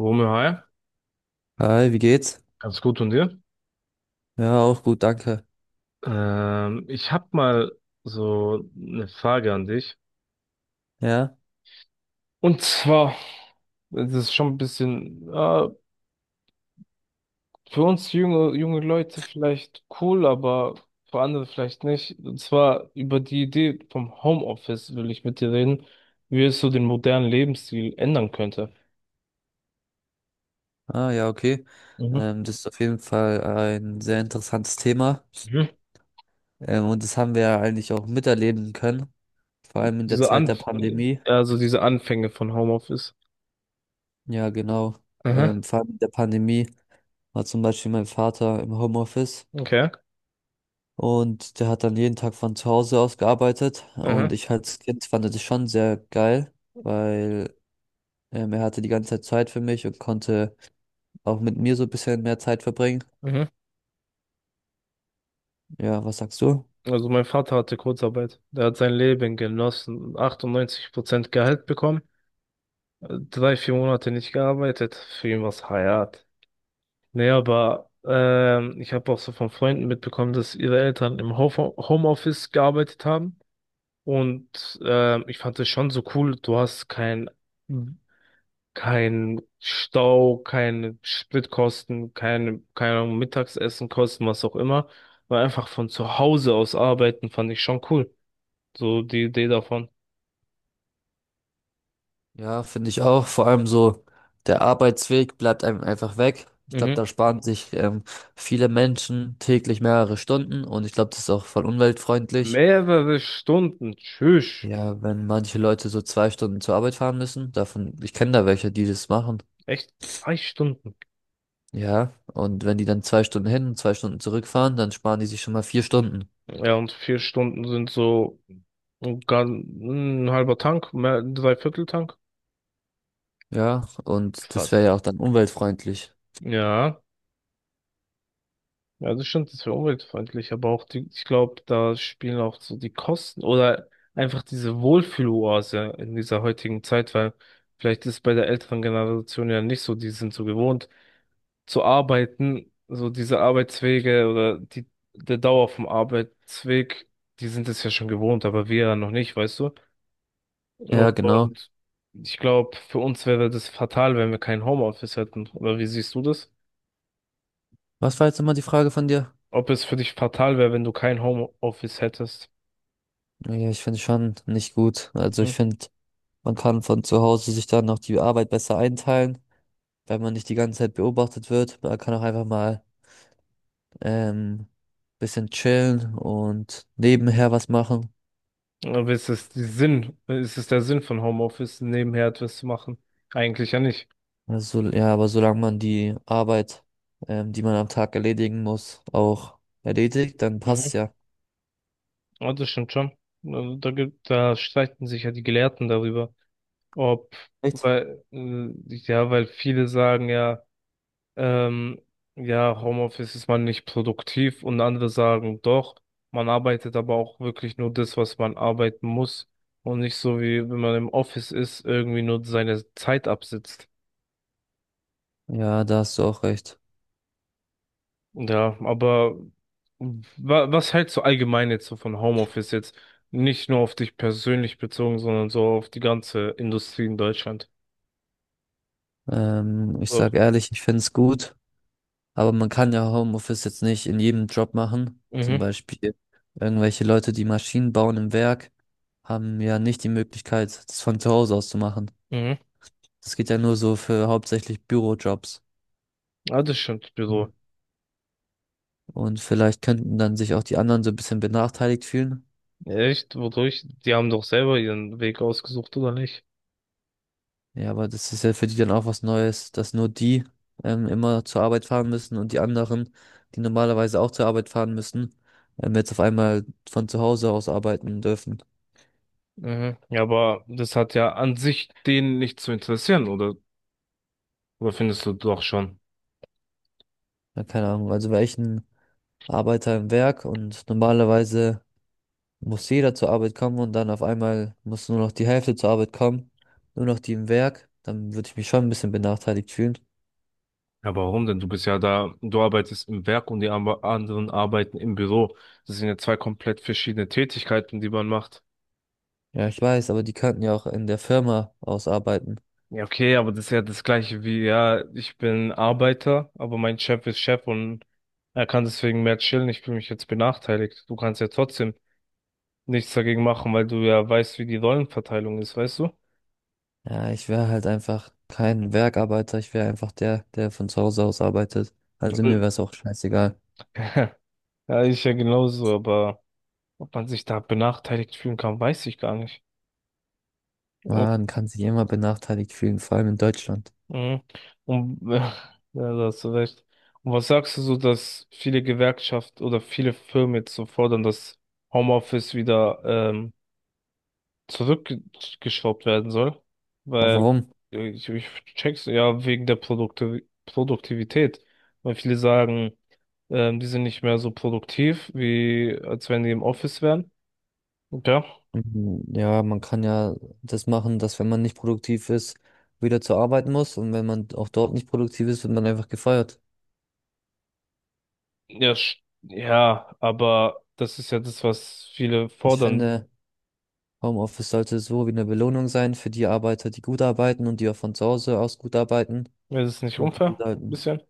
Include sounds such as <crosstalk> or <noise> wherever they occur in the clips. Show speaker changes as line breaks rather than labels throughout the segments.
Romeo, hi,
Hi, wie geht's?
ganz gut und dir?
Ja, auch gut, danke.
Ich habe mal so eine Frage an dich.
Ja,
Und zwar, das ist schon ein bisschen für uns junge Leute vielleicht cool, aber für andere vielleicht nicht. Und zwar über die Idee vom Homeoffice will ich mit dir reden, wie es so den modernen Lebensstil ändern könnte.
ah, ja, okay.
Mhm.
Das ist auf jeden Fall ein sehr interessantes Thema.
Mhm.
Und das haben wir ja eigentlich auch miterleben können, vor allem in der
Diese
Zeit der
Anf
Pandemie.
Also diese Anfänge von Homeoffice.
Ja, genau.
Mhm.
Vor allem in der Pandemie war zum Beispiel mein Vater im Homeoffice
Okay.
und der hat dann jeden Tag von zu Hause aus gearbeitet.
Mhm.
Und ich als Kind fand das schon sehr geil, weil er hatte die ganze Zeit Zeit für mich und konnte auch mit mir so ein bisschen mehr Zeit verbringen.
Mhm.
Ja, was sagst du?
Also mein Vater hatte Kurzarbeit. Der hat sein Leben genossen. 98% Gehalt bekommen. Drei, vier Monate nicht gearbeitet. Für ihn war's Hayat. Nee, aber ich habe auch so von Freunden mitbekommen, dass ihre Eltern im Ho Homeoffice gearbeitet haben. Und ich fand es schon so cool. Du hast kein Stau, keine Spritkosten, keine Ahnung, Mittagsessenkosten, was auch immer. Weil einfach von zu Hause aus arbeiten fand ich schon cool. So die Idee davon.
Ja, finde ich auch. Vor allem so, der Arbeitsweg bleibt einem einfach weg. Ich glaube,
Mhm.
da sparen sich viele Menschen täglich mehrere Stunden und ich glaube, das ist auch voll umweltfreundlich.
Mehrere Stunden. Tschüss.
Ja, wenn manche Leute so zwei Stunden zur Arbeit fahren müssen, davon, ich kenne da welche, die das machen.
Echt zwei Stunden.
Ja, und wenn die dann zwei Stunden hin und zwei Stunden zurückfahren, dann sparen die sich schon mal vier Stunden.
Ja, und vier Stunden sind so ein, gan- ein halber Tank, mehr, ein Dreiviertel-Tank.
Ja, und das
Krass.
wäre ja auch dann umweltfreundlich.
Ja. Ja, das stimmt, das wäre umweltfreundlich, aber auch die, ich glaube, da spielen auch so die Kosten oder einfach diese Wohlfühloase in dieser heutigen Zeit, weil vielleicht ist bei der älteren Generation ja nicht so, die sind so gewohnt zu arbeiten, so diese Arbeitswege oder die, der Dauer vom Arbeitsweg, die sind es ja schon gewohnt, aber wir ja noch nicht, weißt du?
Ja, genau.
Und ich glaube, für uns wäre das fatal, wenn wir kein Homeoffice hätten. Oder wie siehst du das?
Was war jetzt nochmal die Frage von dir?
Ob es für dich fatal wäre, wenn du kein Homeoffice hättest?
Ja, ich finde schon nicht gut. Also
Hm?
ich finde, man kann von zu Hause sich dann noch die Arbeit besser einteilen, weil man nicht die ganze Zeit beobachtet wird. Man kann auch einfach mal ähm, bisschen chillen und nebenher was machen.
Aber ist es die Sinn, ist es der Sinn von Homeoffice, nebenher etwas zu machen? Eigentlich ja nicht.
Also, ja, aber solange man die Arbeit, die man am Tag erledigen muss, auch erledigt, dann
Mhm.
passt ja.
Ja, das stimmt schon. Also da streiten sich ja die Gelehrten darüber. ob,
Echt?
Weil, ja, weil viele sagen ja, ähm, ja, Homeoffice ist man nicht produktiv und andere sagen doch, man arbeitet aber auch wirklich nur das, was man arbeiten muss und nicht so wie wenn man im Office ist, irgendwie nur seine Zeit absitzt.
Ja, da hast du auch recht.
Ja, aber wa was hältst du allgemein jetzt so von Homeoffice jetzt? Nicht nur auf dich persönlich bezogen, sondern so auf die ganze Industrie in Deutschland.
Ich
So.
sag ehrlich, ich find's gut. Aber man kann ja Homeoffice jetzt nicht in jedem Job machen. Zum
Mhm,
Beispiel irgendwelche Leute, die Maschinen bauen im Werk, haben ja nicht die Möglichkeit, das von zu Hause aus zu machen.
mhm.
Das geht ja nur so für hauptsächlich Bürojobs.
Ja, das stimmt, Büro.
Mhm. Und vielleicht könnten dann sich auch die anderen so ein bisschen benachteiligt fühlen.
Echt? Wodurch? Die haben doch selber ihren Weg ausgesucht, oder nicht?
Ja, aber das ist ja für die dann auch was Neues, dass nur die immer zur Arbeit fahren müssen und die anderen, die normalerweise auch zur Arbeit fahren müssen, jetzt auf einmal von zu Hause aus arbeiten dürfen.
Mhm. Ja, aber das hat ja an sich denen nicht zu interessieren, oder? Oder findest du doch schon?
Ja, keine Ahnung. Also welchen Arbeiter im Werk und normalerweise muss jeder zur Arbeit kommen und dann auf einmal muss nur noch die Hälfte zur Arbeit kommen, nur noch die im Werk, dann würde ich mich schon ein bisschen benachteiligt fühlen.
Ja, warum denn? Du bist ja da, du arbeitest im Werk und die anderen arbeiten im Büro. Das sind ja zwei komplett verschiedene Tätigkeiten, die man macht.
Ja, ich weiß, aber die könnten ja auch in der Firma ausarbeiten.
Ja, okay, aber das ist ja das gleiche wie, ja, ich bin Arbeiter, aber mein Chef ist Chef und er kann deswegen mehr chillen. Ich fühle mich jetzt benachteiligt. Du kannst ja trotzdem nichts dagegen machen, weil du ja weißt, wie die Rollenverteilung ist, weißt du?
Ja, ich wäre halt einfach kein Werkarbeiter, ich wäre einfach der, der von zu Hause aus arbeitet. Also mir
Mhm.
wäre es auch scheißegal.
<laughs> Ja, ich ja genauso, aber ob man sich da benachteiligt fühlen kann, weiß ich gar nicht. Oh,
Man kann sich immer benachteiligt fühlen, vor allem in Deutschland.
mhm. Und, <laughs> ja, da hast du recht. Und was sagst du so, dass viele Gewerkschaften oder viele Firmen jetzt so fordern, dass Homeoffice wieder zurückgeschraubt werden soll,
Aber
weil
warum?
ich check's ja wegen der Produktivität, weil viele sagen, die sind nicht mehr so produktiv, wie als wenn die im Office wären. Und ja,
Mhm, ja, man kann ja das machen, dass wenn man nicht produktiv ist, wieder zur Arbeit muss und wenn man auch dort nicht produktiv ist, wird man einfach gefeuert.
ja, sch- ja, aber das ist ja das, was viele
Ich
fordern.
finde, Homeoffice sollte so wie eine Belohnung sein für die Arbeiter, die gut arbeiten und die auch von zu Hause aus gut arbeiten.
Wäre das nicht
Und die
unfair? Ein
sollten,
bisschen?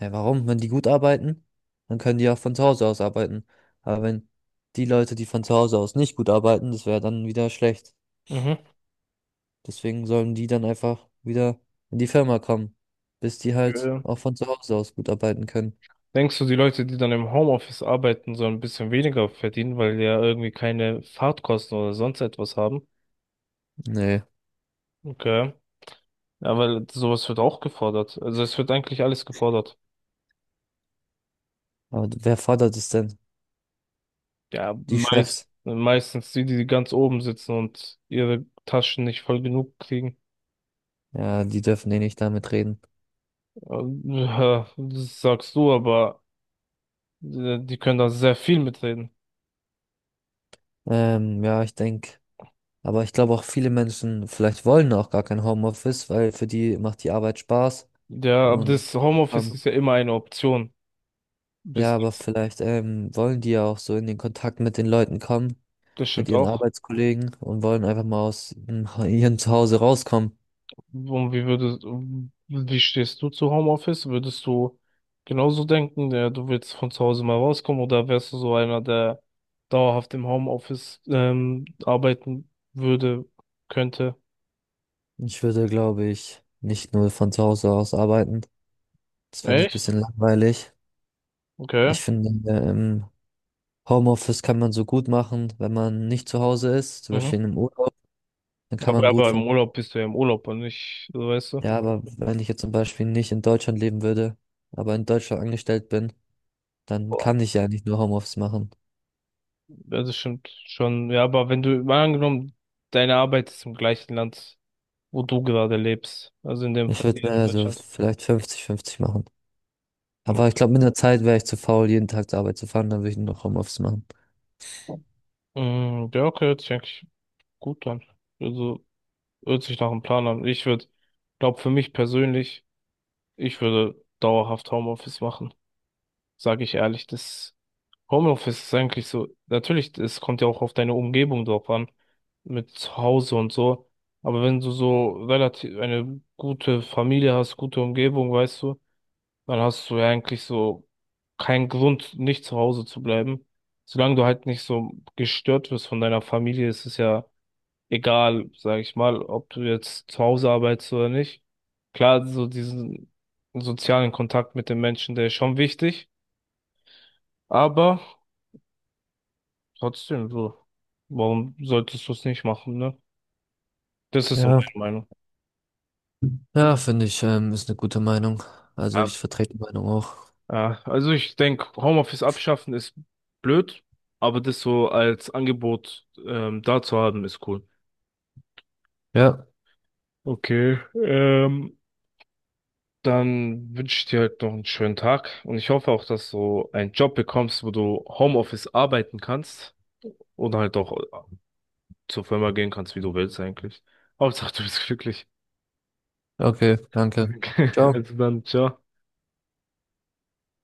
ja, warum? Wenn die gut arbeiten, dann können die auch von zu Hause aus arbeiten. Aber wenn die Leute, die von zu Hause aus nicht gut arbeiten, das wäre dann wieder schlecht.
Mhm.
Deswegen sollen die dann einfach wieder in die Firma kommen, bis die halt
Äh,
auch von zu Hause aus gut arbeiten können.
Denkst du, die Leute, die dann im Homeoffice arbeiten, sollen ein bisschen weniger verdienen, weil die ja irgendwie keine Fahrtkosten oder sonst etwas haben?
Nee,
Okay. Ja, weil sowas wird auch gefordert. Also es wird eigentlich alles gefordert.
aber wer fordert es denn?
Ja,
Die Chefs.
meistens die, die ganz oben sitzen und ihre Taschen nicht voll genug kriegen.
Ja, die dürfen eh nicht damit reden.
Ähm, Das sagst du, aber die können da sehr viel mitreden.
Ja, ich denke, aber ich glaube auch viele Menschen vielleicht wollen auch gar kein Homeoffice, weil für die macht die Arbeit Spaß
Ja, aber
und
das
die
Homeoffice ist ja immer eine Option
ja,
bis
aber
jetzt.
vielleicht wollen die ja auch so in den Kontakt mit den Leuten kommen,
Das
mit
stimmt
ihren
auch.
Arbeitskollegen und wollen einfach mal aus <laughs> ihrem Zuhause rauskommen.
Und wie stehst du zu Homeoffice? Würdest du genauso denken, du willst von zu Hause mal rauskommen oder wärst du so einer, der dauerhaft im Homeoffice arbeiten würde, könnte?
Ich würde, glaube ich, nicht nur von zu Hause aus arbeiten. Das fände ich ein
Echt?
bisschen langweilig.
Okay.
Ich finde, im Homeoffice kann man so gut machen, wenn man nicht zu Hause ist, zum
Mhm.
Beispiel in einem Urlaub, dann kann man gut
Aber im
von.
Urlaub bist du ja im Urlaub und nicht, so weißt du?
Ja, aber wenn ich jetzt zum Beispiel nicht in Deutschland leben würde, aber in Deutschland angestellt bin, dann
Boah.
kann ich ja nicht nur Homeoffice machen.
Ja, das stimmt schon. Ja, aber wenn du, mal angenommen, deine Arbeit ist im gleichen Land, wo du gerade lebst, also in dem
Ich
Fall
würde mir
hier in
also
Deutschland.
vielleicht 50-50 machen. Aber ich
Okay.
glaube, mit der Zeit wäre ich zu faul, jeden Tag zur Arbeit zu fahren, dann würde ich nur noch Homeoffice machen.
Mhm, ja, okay, check. Gut dann. Also hört sich nach einem Plan an. Glaube für mich persönlich, ich würde dauerhaft Homeoffice machen. Sage ich ehrlich, das Homeoffice ist eigentlich so, natürlich, es kommt ja auch auf deine Umgebung drauf an, mit zu Hause und so. Aber wenn du so relativ eine gute Familie hast, gute Umgebung, weißt du, dann hast du ja eigentlich so keinen Grund, nicht zu Hause zu bleiben. Solange du halt nicht so gestört wirst von deiner Familie, ist es ja egal, sage ich mal, ob du jetzt zu Hause arbeitest oder nicht. Klar, so diesen sozialen Kontakt mit den Menschen, der ist schon wichtig, aber trotzdem so, warum solltest du es nicht machen, ne? Das ist so
Ja.
meine Meinung.
Ja, finde ich, ist eine gute Meinung. Also
Ja,
ich vertrete die Meinung auch.
ja, also ich denke, Homeoffice abschaffen ist blöd, aber das so als Angebot da zu haben, ist cool.
Ja,
Okay, ähm, dann wünsche ich dir halt noch einen schönen Tag und ich hoffe auch, dass du einen Job bekommst, wo du Homeoffice arbeiten kannst oder halt auch zur Firma gehen kannst, wie du willst eigentlich. Hauptsache, du bist glücklich.
okay, danke.
<laughs> Also
Ciao.
dann, ciao.